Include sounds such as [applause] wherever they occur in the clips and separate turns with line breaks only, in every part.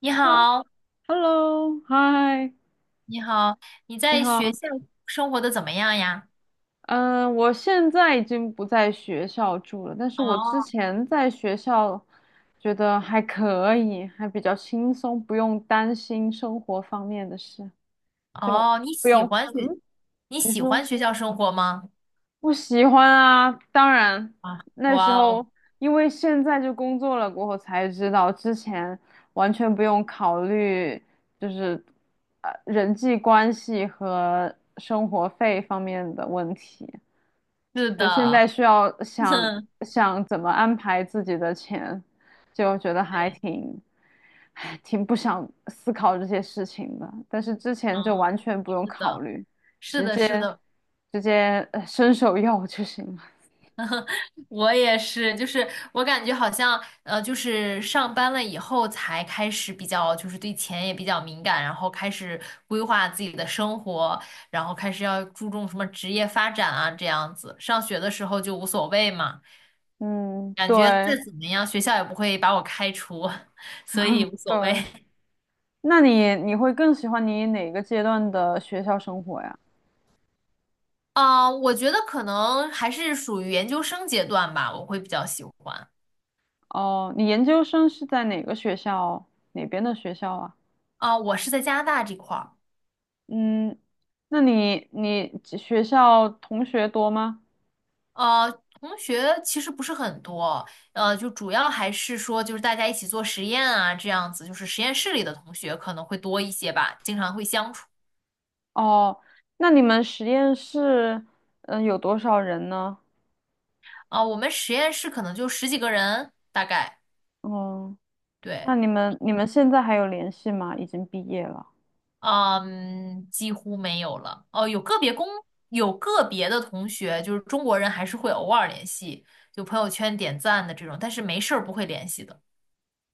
你
呃
好，
，Hello，嗨，
你好，你
你
在学
好。
校生活的怎么样呀？
嗯，我现在已经不在学校住了，但是我之
哦
前在学校觉得还可以，还比较轻松，不用担心生活方面的事，就
哦，
不用。嗯，
你
你
喜
说。
欢学校生活吗？
不喜欢啊，当然
啊，
那时
哇哦，
候因为现在就工作了过后才知道，之前完全不用考虑就是人际关系和生活费方面的问题。
是
就现在
的，
需要想
[laughs]
想怎么安排自己的钱，就觉得还
对，
挺，唉，挺不想思考这些事情的。但是之前就
嗯，
完全不用
是
考
的，
虑，
是
直
的，是
接
的，
直接伸手要就行了。
我也是，就是我感觉好像，就是上班了以后才开始比较，就是对钱也比较敏感，然后开始规划自己的生活，然后开始要注重什么职业发展啊，这样子。上学的时候就无所谓嘛，
嗯，
感觉再
对
怎么样，学校也不会把我开除，[laughs] 所以无所谓。
对。
[laughs]
那你会更喜欢你哪个阶段的学校生活呀？
啊、我觉得可能还是属于研究生阶段吧，我会比较喜欢。
哦，你研究生是在哪个学校，哪边的学校啊？
啊、我是在加拿大这块儿。
嗯，那你学校同学多吗？
呃，同学其实不是很多，就主要还是说就是大家一起做实验啊，这样子，就是实验室里的同学可能会多一些吧，经常会相处。
哦，那你们实验室，嗯、有多少人呢？
啊、我们实验室可能就十几个人，大概，
嗯，那
对，
你们现在还有联系吗？已经毕业了。
嗯，几乎没有了。哦、有个别的同学，就是中国人还是会偶尔联系，就朋友圈点赞的这种，但是没事儿不会联系的。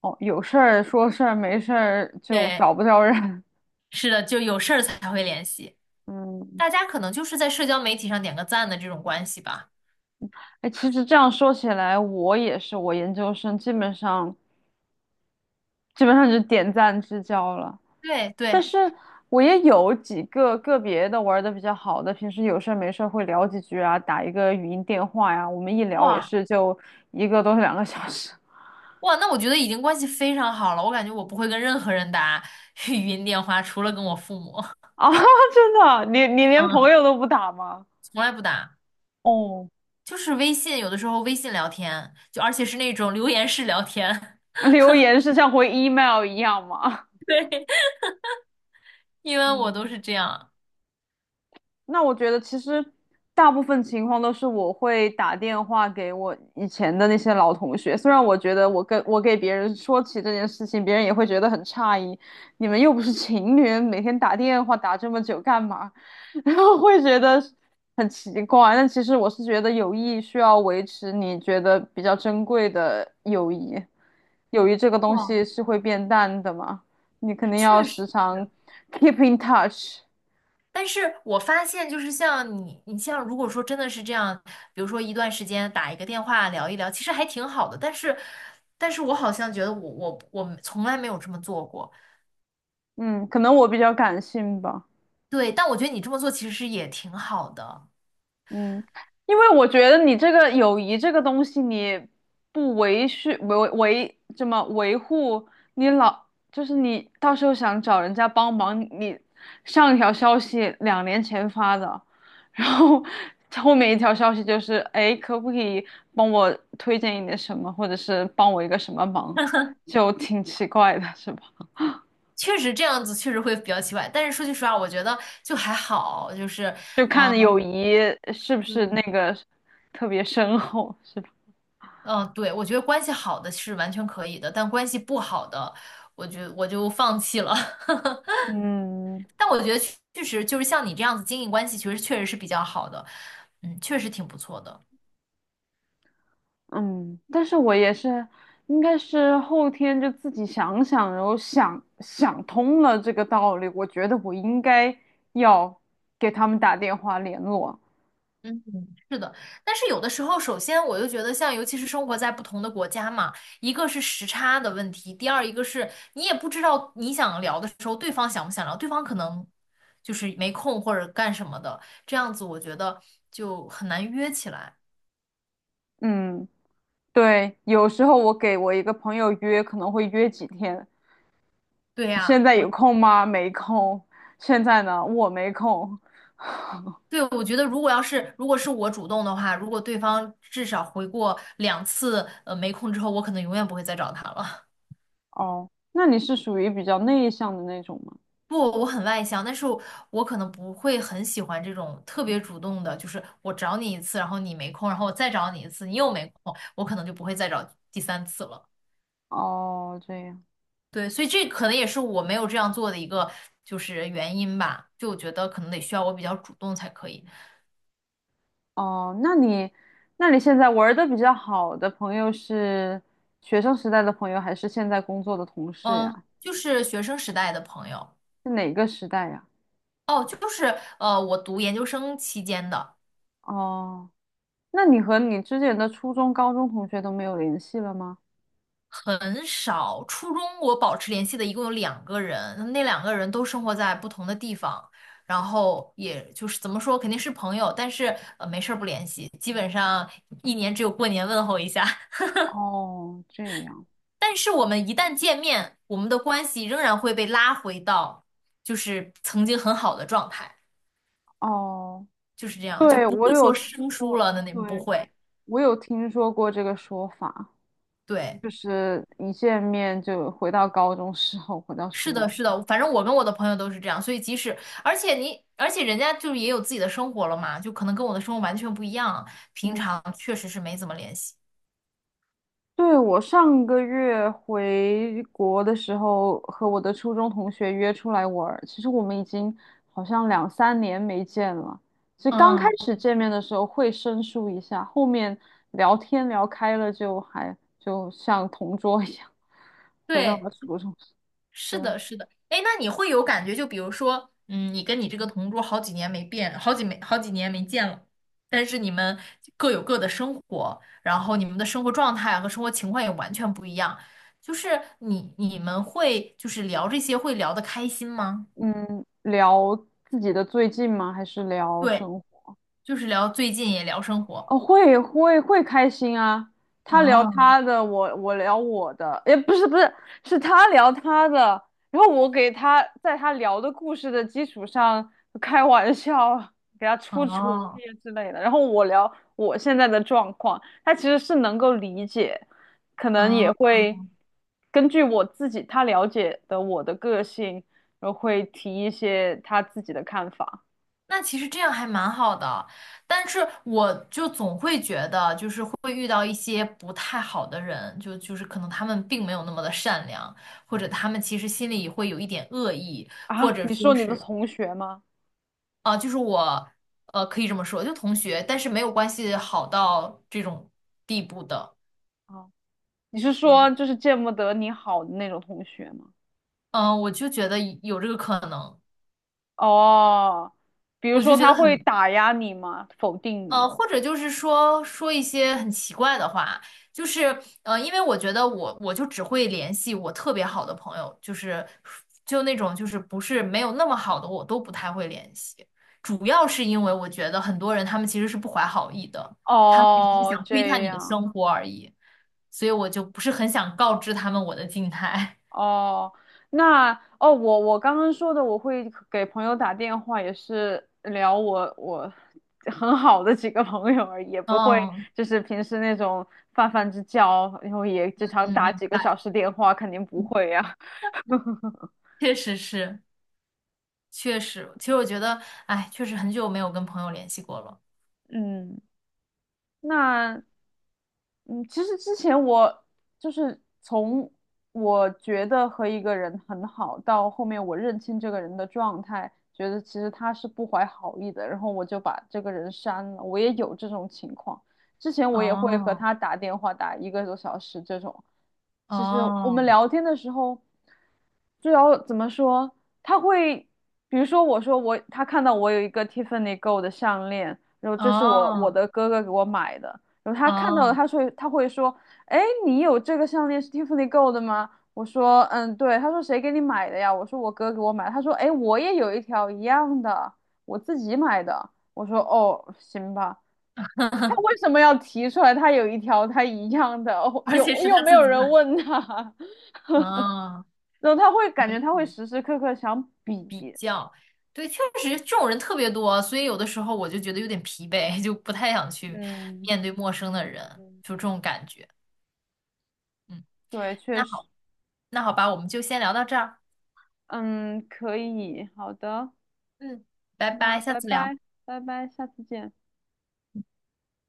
哦，有事儿说事儿，没事儿就
对，
找不着人。
是的，就有事儿才会联系。
[laughs] 嗯，
大家可能就是在社交媒体上点个赞的这种关系吧。
哎，其实这样说起来，我也是，我研究生基本上就点赞之交了。
对
但
对，
是我也有几个个别的玩的比较好的，平时有事儿没事儿会聊几句啊，打一个语音电话呀，我们一聊也
哇
是就一个多两个小时。
哇，那我觉得已经关系非常好了。我感觉我不会跟任何人打 [laughs] 语音电话，除了跟我父母，
啊，[laughs] 真的啊，你连朋
嗯，
友都不打吗？
从来不打。
哦，
就是微信，有的时候微信聊天，就而且是那种留言式聊天，
留言是像回 email 一样吗？
[laughs] 因
[laughs]
为我都
嗯。
是这样。
那我觉得其实大部分情况都是我会打电话给我以前的那些老同学，虽然我觉得我给别人说起这件事情，别人也会觉得很诧异，你们又不是情侣，每天打电话打这么久干嘛？[laughs] 然后会觉得很奇怪。但其实我是觉得友谊需要维持，你觉得比较珍贵的友谊，友谊这个东
哇，
西是会变淡的嘛，你肯定要
确实。
时常 keep in touch。
但是我发现，就是你像如果说真的是这样，比如说一段时间打一个电话聊一聊，其实还挺好的。但是，我好像觉得我从来没有这么做过。
嗯，可能我比较感性吧，
对，但我觉得你这么做其实也挺好的，
嗯，因为我觉得你这个友谊这个东西，你不维续维维怎么维护，你老就是你到时候想找人家帮忙，你上一条消息两年前发的，然后后面一条消息就是，哎，可不可以帮我推荐一点什么，或者是帮我一个什么忙，就挺奇怪的，是吧？
确实这样子确实会比较奇怪。但是说句实话，我觉得就还好，就是
就
嗯
看友谊是不是那
嗯，
个特别深厚，是吧？
嗯，对，我觉得关系好的是完全可以的，但关系不好的，我就放弃了。[laughs]
嗯
但我觉得确实就是像你这样子经营关系，其实确实是比较好的，嗯，确实挺不错的。
嗯，但是我也是，应该是后天就自己想想，然后想想通了这个道理，我觉得我应该要给他们打电话联络。
嗯嗯是的，但是有的时候，首先我就觉得，像尤其是生活在不同的国家嘛，一个是时差的问题，第二一个是你也不知道你想聊的时候，对方想不想聊，对方可能就是没空或者干什么的，这样子我觉得就很难约起来。
嗯，对，有时候我给我一个朋友约，可能会约几天，
对
现
呀。
在有空吗？没空。现在呢，我没空。
对，我觉得如果是我主动的话，如果对方至少回过两次，没空之后，我可能永远不会再找他了。
哦，那你是属于比较内向的那种吗？
[laughs] 不，我很外向，但是我可能不会很喜欢这种特别主动的，就是我找你一次，然后你没空，然后我再找你一次，你又没空，我可能就不会再找第三次了。
哦，这样。
对，所以这可能也是我没有这样做的一个就是原因吧。就我觉得可能得需要我比较主动才可以。
哦，那你，那你现在玩的比较好的朋友是学生时代的朋友，还是现在工作的同事
嗯，
呀？
就是学生时代的朋友。
是哪个时代呀？
哦，就是我读研究生期间的
哦，那你和你之前的初中、高中同学都没有联系了吗？
很少，初中我保持联系的一共有两个人，那两个人都生活在不同的地方，然后也就是怎么说，肯定是朋友，但是没事儿不联系，基本上一年只有过年问候一下。[laughs]
哦，这样。
但是我们一旦见面，我们的关系仍然会被拉回到就是曾经很好的状态，
哦，
就是这样，就
对，
不
我
会
有
说
听
生疏
说，
了的那不
对，
会，
我有听说过这个说法，
对。
就是一见面就回到高中时候，回到
是
初
的，
中
是
时
的，
候。
反正我跟我的朋友都是这样，所以即使，而且人家就是也有自己的生活了嘛，就可能跟我的生活完全不一样，平常
嗯。
确实是没怎么联系。
对，我上个月回国的时候，和我的初中同学约出来玩儿。其实我们已经好像两三年没见了。其实刚开
嗯，
始见面的时候会生疏一下，后面聊天聊开了就还就像同桌一样，回到
对，
了初中。
是
对，
的，是的。哎，那你会有感觉，就比如说，嗯，你跟你这个同桌好几年没变，好几没好几年没见了，但是你们各有各的生活，然后你们的生活状态啊和生活情况也完全不一样，就是你们会就是聊这些会聊得开心吗？
嗯，聊自己的最近吗？还是聊
对。
生活？
就是聊最近也聊生活。
哦，会会会开心啊！他聊
啊
他的，我聊我的，也不是不是，是他聊他的，然后我给他在他聊的故事的基础上开玩笑，给他出主意
哦
之类的，然后我聊我现在的状况，他其实是能够理解，可能也
啊！
会根据我自己他了解的我的个性，然后会提一些他自己的看法
那其实这样还蛮好的，但是我就总会觉得，就是会遇到一些不太好的人，就是可能他们并没有那么的善良，或者他们其实心里会有一点恶意，或
啊。
者
你说
说
你的
是，
同学吗？
啊、就是我，可以这么说，就同学，但是没有关系好到这种地步的，
啊。你是
我，
说就是见不得你好的那种同学吗？
嗯、我就觉得有这个可能，
哦，比如
我就
说
觉
他
得
会
很。
打压你吗？否定你？
或者就是说说一些很奇怪的话，就是因为我觉得我就只会联系我特别好的朋友，就是就那种就是不是没有那么好的我都不太会联系，主要是因为我觉得很多人他们其实是不怀好意的，他们只是
哦，
想
这
窥探你的
样。
生活而已，所以我就不是很想告知他们我的静态。[laughs]
哦，那哦，我我刚刚说的，我会给朋友打电话，也是聊我很好的几个朋友而已，也不会
嗯
就是平时那种泛泛之交，然后也经常
嗯，
打
明
几个小
白，
时电话，肯定不会呀、[laughs]
确实是，确实，其实我觉得，哎，确实很久没有跟朋友联系过了。
嗯，那嗯，其实之前我就是从我觉得和一个人很好，到后面我认清这个人的状态，觉得其实他是不怀好意的，然后我就把这个人删了。我也有这种情况，之前我也会和
哦
他打电话打一个多小时这种。其实我们
哦
聊天的时候，就要怎么说？他会，比如说我说我，他看到我有一个 Tiffany Go 的项链，然后这是我
哦
的哥哥给我买的。然后他看到了，
哦，
他会说，哎，你有这个项链是 Tiffany Gold 的吗？我说，嗯，对。他说谁给你买的呀？我说我哥给我买的他说，哎，我也有一条一样的，我自己买的。我说，哦，行吧。他为什么要提出来他有一条他一样的？[laughs] 哦
而且
有
是
又
他
没
自
有
己
人
买。
问他，[laughs]
哦，
然后他会感
没
觉他会
谱
时时刻刻想比。
对，确实这种人特别多，所以有的时候我就觉得有点疲惫，[laughs] 就不太想去
嗯
面对陌生的人，
嗯
就这种感觉。嗯，
对，确
那
实，
好，那好吧，我们就先聊到这儿。
嗯，可以，好的，
嗯，拜
那
拜，下
拜
次聊。
拜，拜拜，下次见。